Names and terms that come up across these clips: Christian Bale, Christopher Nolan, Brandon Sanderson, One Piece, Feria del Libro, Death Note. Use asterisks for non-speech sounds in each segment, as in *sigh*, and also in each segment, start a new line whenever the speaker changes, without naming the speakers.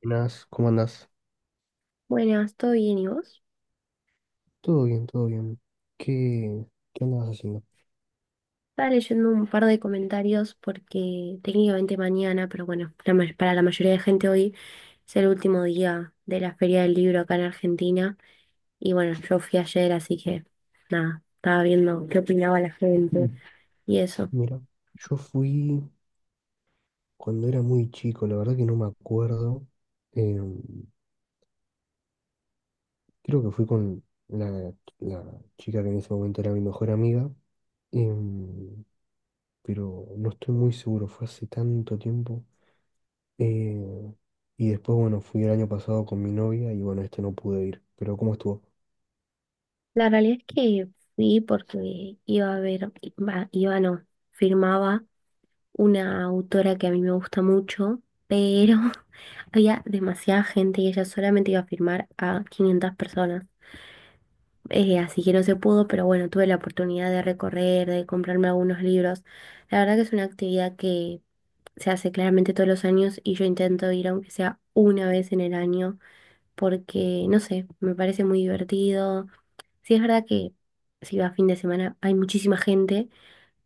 Buenas, ¿cómo andas?
Buenas, ¿todo bien y vos?
Todo bien, todo bien. ¿Qué, qué andabas haciendo?
Estaba leyendo un par de comentarios porque técnicamente mañana, pero bueno, para la mayoría de gente hoy es el último día de la Feria del Libro acá en Argentina. Y bueno, yo fui ayer, así que nada, estaba viendo qué opinaba la gente
Mm.
y eso.
Mira, yo fui cuando era muy chico, la verdad que no me acuerdo. eh, Creo que fui con la, la chica que en ese momento era mi mejor amiga, eh, pero no estoy muy seguro, fue hace tanto tiempo. eh, y después, bueno, fui el año pasado con mi novia y bueno, este no pude ir, pero ¿cómo estuvo?
La realidad es que fui porque iba a ver, iba no, firmaba una autora que a mí me gusta mucho, pero *laughs* había demasiada gente y ella solamente iba a firmar a 500 personas. Así que no se pudo, pero bueno, tuve la oportunidad de recorrer, de comprarme algunos libros. La verdad que es una actividad que se hace claramente todos los años y yo intento ir aunque sea una vez en el año porque, no sé, me parece muy divertido. Sí, es verdad que si va a fin de semana hay muchísima gente,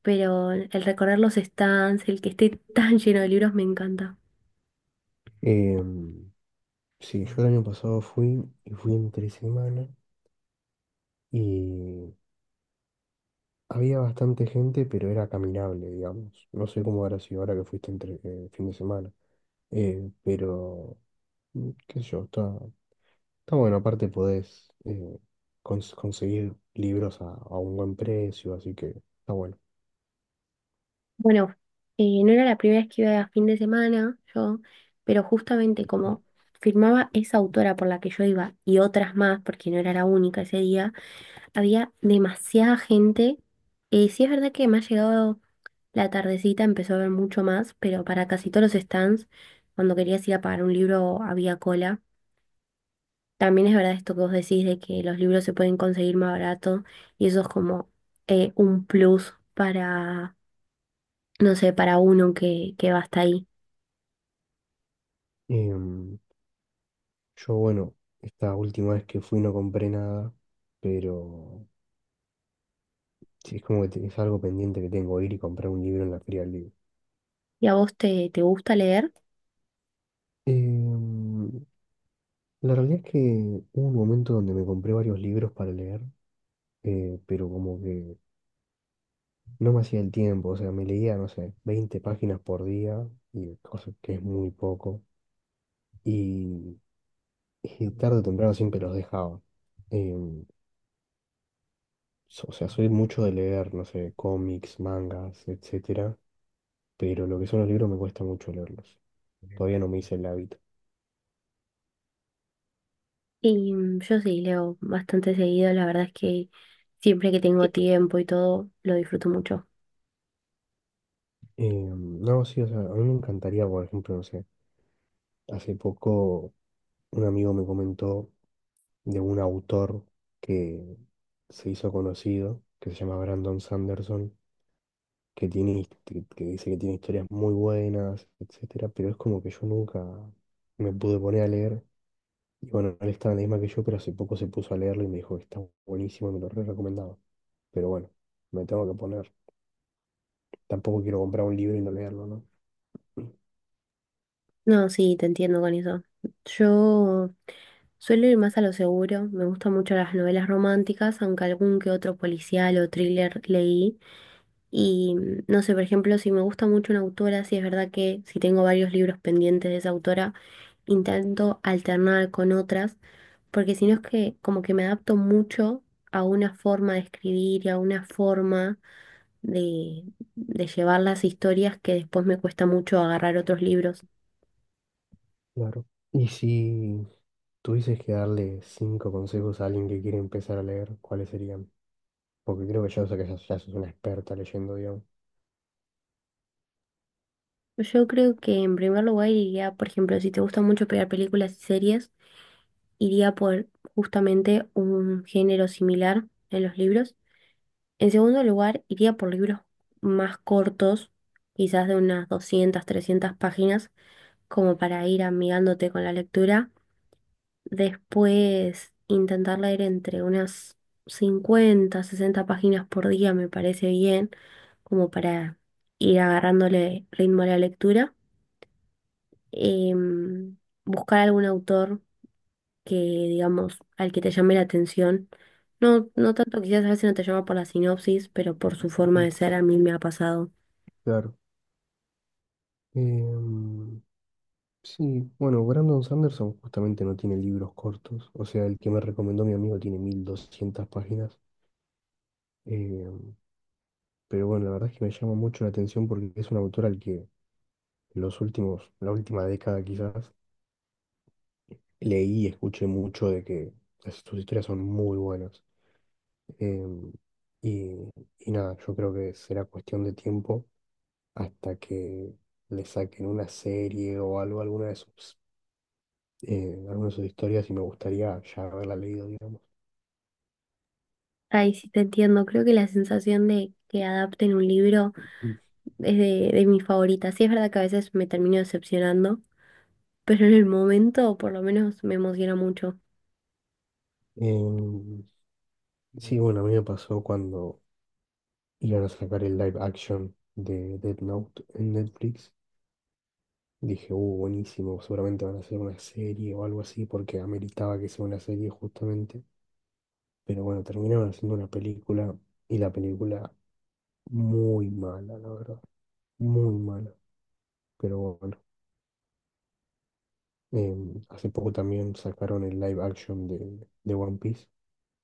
pero el recorrer los stands, el que esté *laughs* tan lleno de libros me encanta.
Eh, sí, yo el año pasado fui y fui entre semana. Y había bastante gente, pero era caminable, digamos. No sé cómo habrá sido ahora que fuiste entre fin de semana. Pero qué sé yo, está bueno. Aparte podés conseguir libros a un buen precio, así que está bueno.
Bueno, no era la primera vez que iba a fin de semana yo, pero justamente como firmaba esa autora por la que yo iba y otras más, porque no era la única ese día, había demasiada gente. Sí, es verdad que me ha llegado la tardecita, empezó a haber mucho más, pero para casi todos los stands, cuando querías ir a pagar un libro había cola. También es verdad esto que vos decís de que los libros se pueden conseguir más barato y eso es como un plus para, no sé, para uno que va hasta ahí.
Em, yo, bueno, esta última vez que fui no compré nada, pero sí, es como que es algo pendiente que tengo, ir y comprar un libro en la Feria del Libro.
¿Y a vos te gusta leer?
Em, La realidad es que hubo un momento donde me compré varios libros para leer, pero como que no me hacía el tiempo, o sea, me leía, no sé, 20 páginas por día, y cosa que es muy poco, y, y tarde o temprano siempre los dejaba. Em, o sea, soy mucho de leer, no sé, cómics, mangas, etcétera, pero lo que son los libros me cuesta mucho leerlos. Todavía no me hice el hábito.
Y yo sí, leo bastante seguido, la verdad es que siempre que tengo tiempo y todo, lo disfruto mucho.
No, sí, o sea, a mí me encantaría, por ejemplo, no sé, hace poco un amigo me comentó de un autor que se hizo conocido, que se llama Brandon Sanderson, que que dice que tiene historias muy buenas, etcétera, pero es como que yo nunca me pude poner a leer. Y bueno, él estaba en la misma que yo, pero hace poco se puso a leerlo y me dijo que está buenísimo y me lo re recomendaba. Pero bueno, me tengo que poner. Tampoco quiero comprar un libro y no leerlo, ¿no?
No, sí, te entiendo con eso. Yo suelo ir más a lo seguro, me gustan mucho las novelas románticas, aunque algún que otro policial o thriller leí. Y no sé, por ejemplo, si me gusta mucho una autora, sí es verdad que si tengo varios libros pendientes de esa autora, intento alternar con otras, porque si no es que como que me adapto mucho a una forma de escribir y a una forma de, de llevar las historias que después me cuesta mucho agarrar otros libros.
Claro. Y si tuvieses que darle 5 consejos a alguien que quiere empezar a leer, ¿cuáles serían? Porque creo que ya, o sea, ya sos una experta leyendo, digamos.
Yo creo que en primer lugar iría, por ejemplo, si te gusta mucho pegar películas y series, iría por justamente un género similar en los libros. En segundo lugar, iría por libros más cortos, quizás de unas 200 300 páginas como para ir amigándote con la lectura. Después intentar leer entre unas 50, 60 páginas por día me parece bien, como para ir agarrándole ritmo a la lectura. Em, Buscar algún autor que, digamos, al que te llame la atención. No, no tanto quizás a veces no te llama por la sinopsis, pero por su forma
Mm.
de ser a mí me ha pasado.
Claro. Em, sí, bueno, Brandon Sanderson justamente no tiene libros cortos, o sea, el que me recomendó mi amigo tiene 1.200 páginas. Em, pero bueno, la verdad es que me llama mucho la atención porque es un autor al que en la última década quizás, leí y escuché mucho de que sus historias son muy buenas. Em, y, y nada, yo creo que será cuestión de tiempo hasta que le saquen una serie o algo, alguna de sus historias y me gustaría ya haberla leído, digamos.
Ay, sí, te entiendo. Creo que la sensación de que adapten un libro
Mm.
es de mis favoritas. Sí, es verdad que a veces me termino decepcionando, pero en el momento por lo menos me emociona mucho.
Em, sí, bueno, a mí me pasó cuando iban a sacar el live action de Death Note en Netflix. Dije, buenísimo, seguramente van a hacer una serie o algo así, porque ameritaba que sea una serie justamente. Pero bueno, terminaron haciendo una película y la película muy mala, la verdad, muy mala. Pero bueno. Hace poco también sacaron el live action de One Piece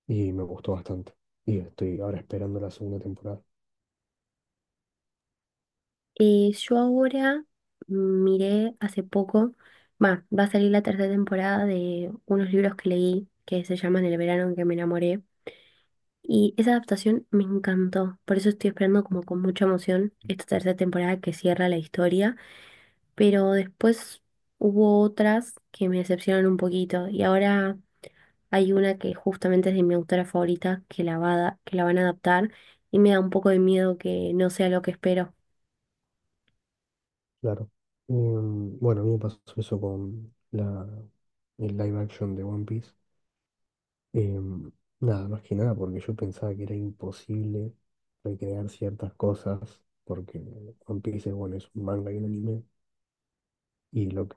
y me gustó bastante. Y estoy ahora esperando la segunda temporada,
Yo ahora miré hace poco, va a salir la tercera temporada de unos libros que leí que se llaman El verano en que me enamoré. Y esa adaptación me encantó, por eso estoy esperando como con mucha emoción esta tercera temporada que cierra la historia, pero después hubo otras que me decepcionaron un poquito y ahora hay una que justamente es de mi autora favorita, que la van a adaptar, y me da un poco de miedo que no sea lo que espero.
claro. Bueno, a mí me pasó eso con el live action de One Piece. Em, Nada, más que nada porque yo pensaba que era imposible recrear ciertas cosas porque One Piece es, bueno, es un manga y un anime. Y lo que,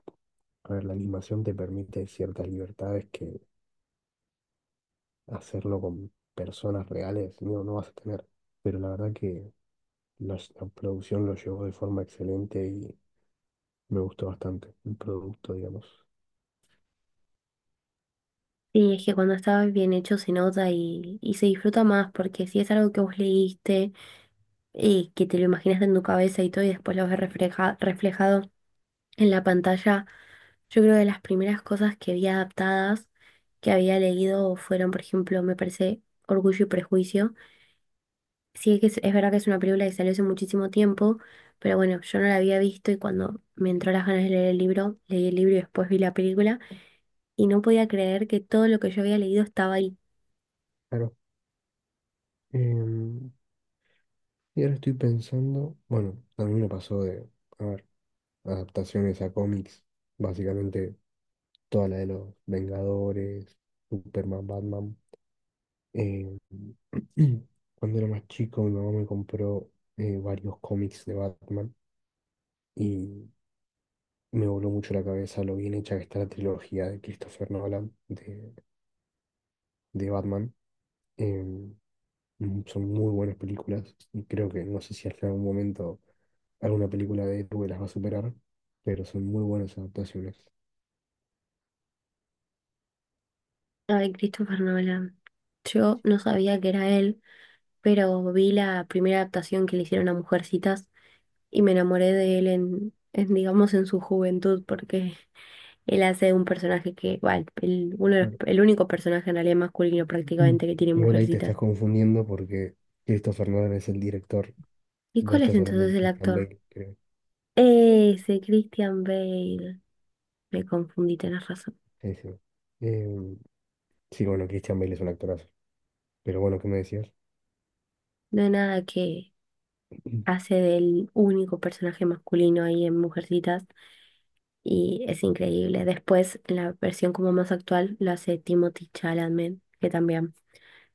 a ver, la animación te permite ciertas libertades que hacerlo con personas reales, no vas a tener. Pero la verdad que la producción lo llevó de forma excelente y me gustó bastante el producto, digamos.
Y es que cuando está bien hecho se nota y se disfruta más, porque si es algo que vos leíste, que te lo imaginaste en tu cabeza y todo, y después lo ves reflejado en la pantalla, yo creo que las primeras cosas que vi adaptadas, que había leído, fueron, por ejemplo, me parece Orgullo y Prejuicio. Sí, que es verdad que es una película que salió hace muchísimo tiempo, pero bueno, yo no la había visto y cuando me entró las ganas de leer el libro, leí el libro y después vi la película y no podía creer que todo lo que yo había leído estaba ahí.
Claro. em, y ahora estoy pensando, bueno, a mí me pasó de, a ver, adaptaciones a cómics, básicamente toda la de los Vengadores, Superman, Batman. em, *clears throat* Cuando era más chico, mi mamá me compró varios cómics de Batman. Y me voló mucho la cabeza lo bien hecha que está la trilogía de Christopher Nolan, de Batman. Em, Son muy buenas películas y creo que no sé si hasta algún momento alguna película de héroe las va a superar, pero son muy buenas adaptaciones.
Ay, Christopher Nolan. Yo no sabía que era él, pero vi la primera adaptación que le hicieron a Mujercitas y me enamoré de él en, digamos, en su juventud, porque *laughs* él hace un personaje que, bueno, el, uno de los-
Claro.
el único personaje en realidad masculino
Mm.
prácticamente que tiene
Igual ahí te
Mujercitas.
estás confundiendo porque Christopher Nolan es el director.
¿Y
Vos
cuál es
estás hablando de
entonces el
Christian
actor?
Bale, creo.
Ese Christian Bale. Me confundí, tenés razón.
Sí, sí. Em, sí, bueno, Christian Bale es un actorazo. Pero bueno, ¿qué me decías?
No hay nada que hace del único personaje masculino ahí en Mujercitas y es increíble. Después, en la versión como más actual, lo hace Timothy Chalamet, que también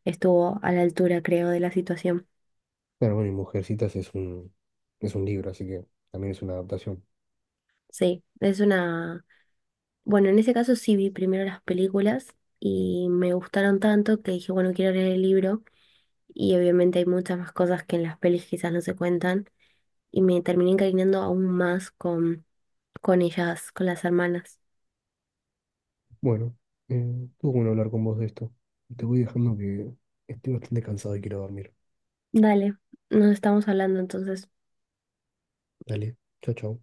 estuvo a la altura, creo, de la situación.
Claro, bueno, y Mujercitas es un libro, así que también es una adaptación.
Sí, es una... Bueno, en ese caso sí vi primero las películas y me gustaron tanto que dije, bueno, quiero leer el libro y obviamente hay muchas más cosas que en las pelis quizás no se cuentan y me terminé encariñando aún más con, ellas, con las hermanas.
Bueno, estuvo bueno hablar con vos de esto. Te voy dejando que estoy bastante cansado y quiero dormir.
Dale, nos estamos hablando entonces.
Dale, chao, chao.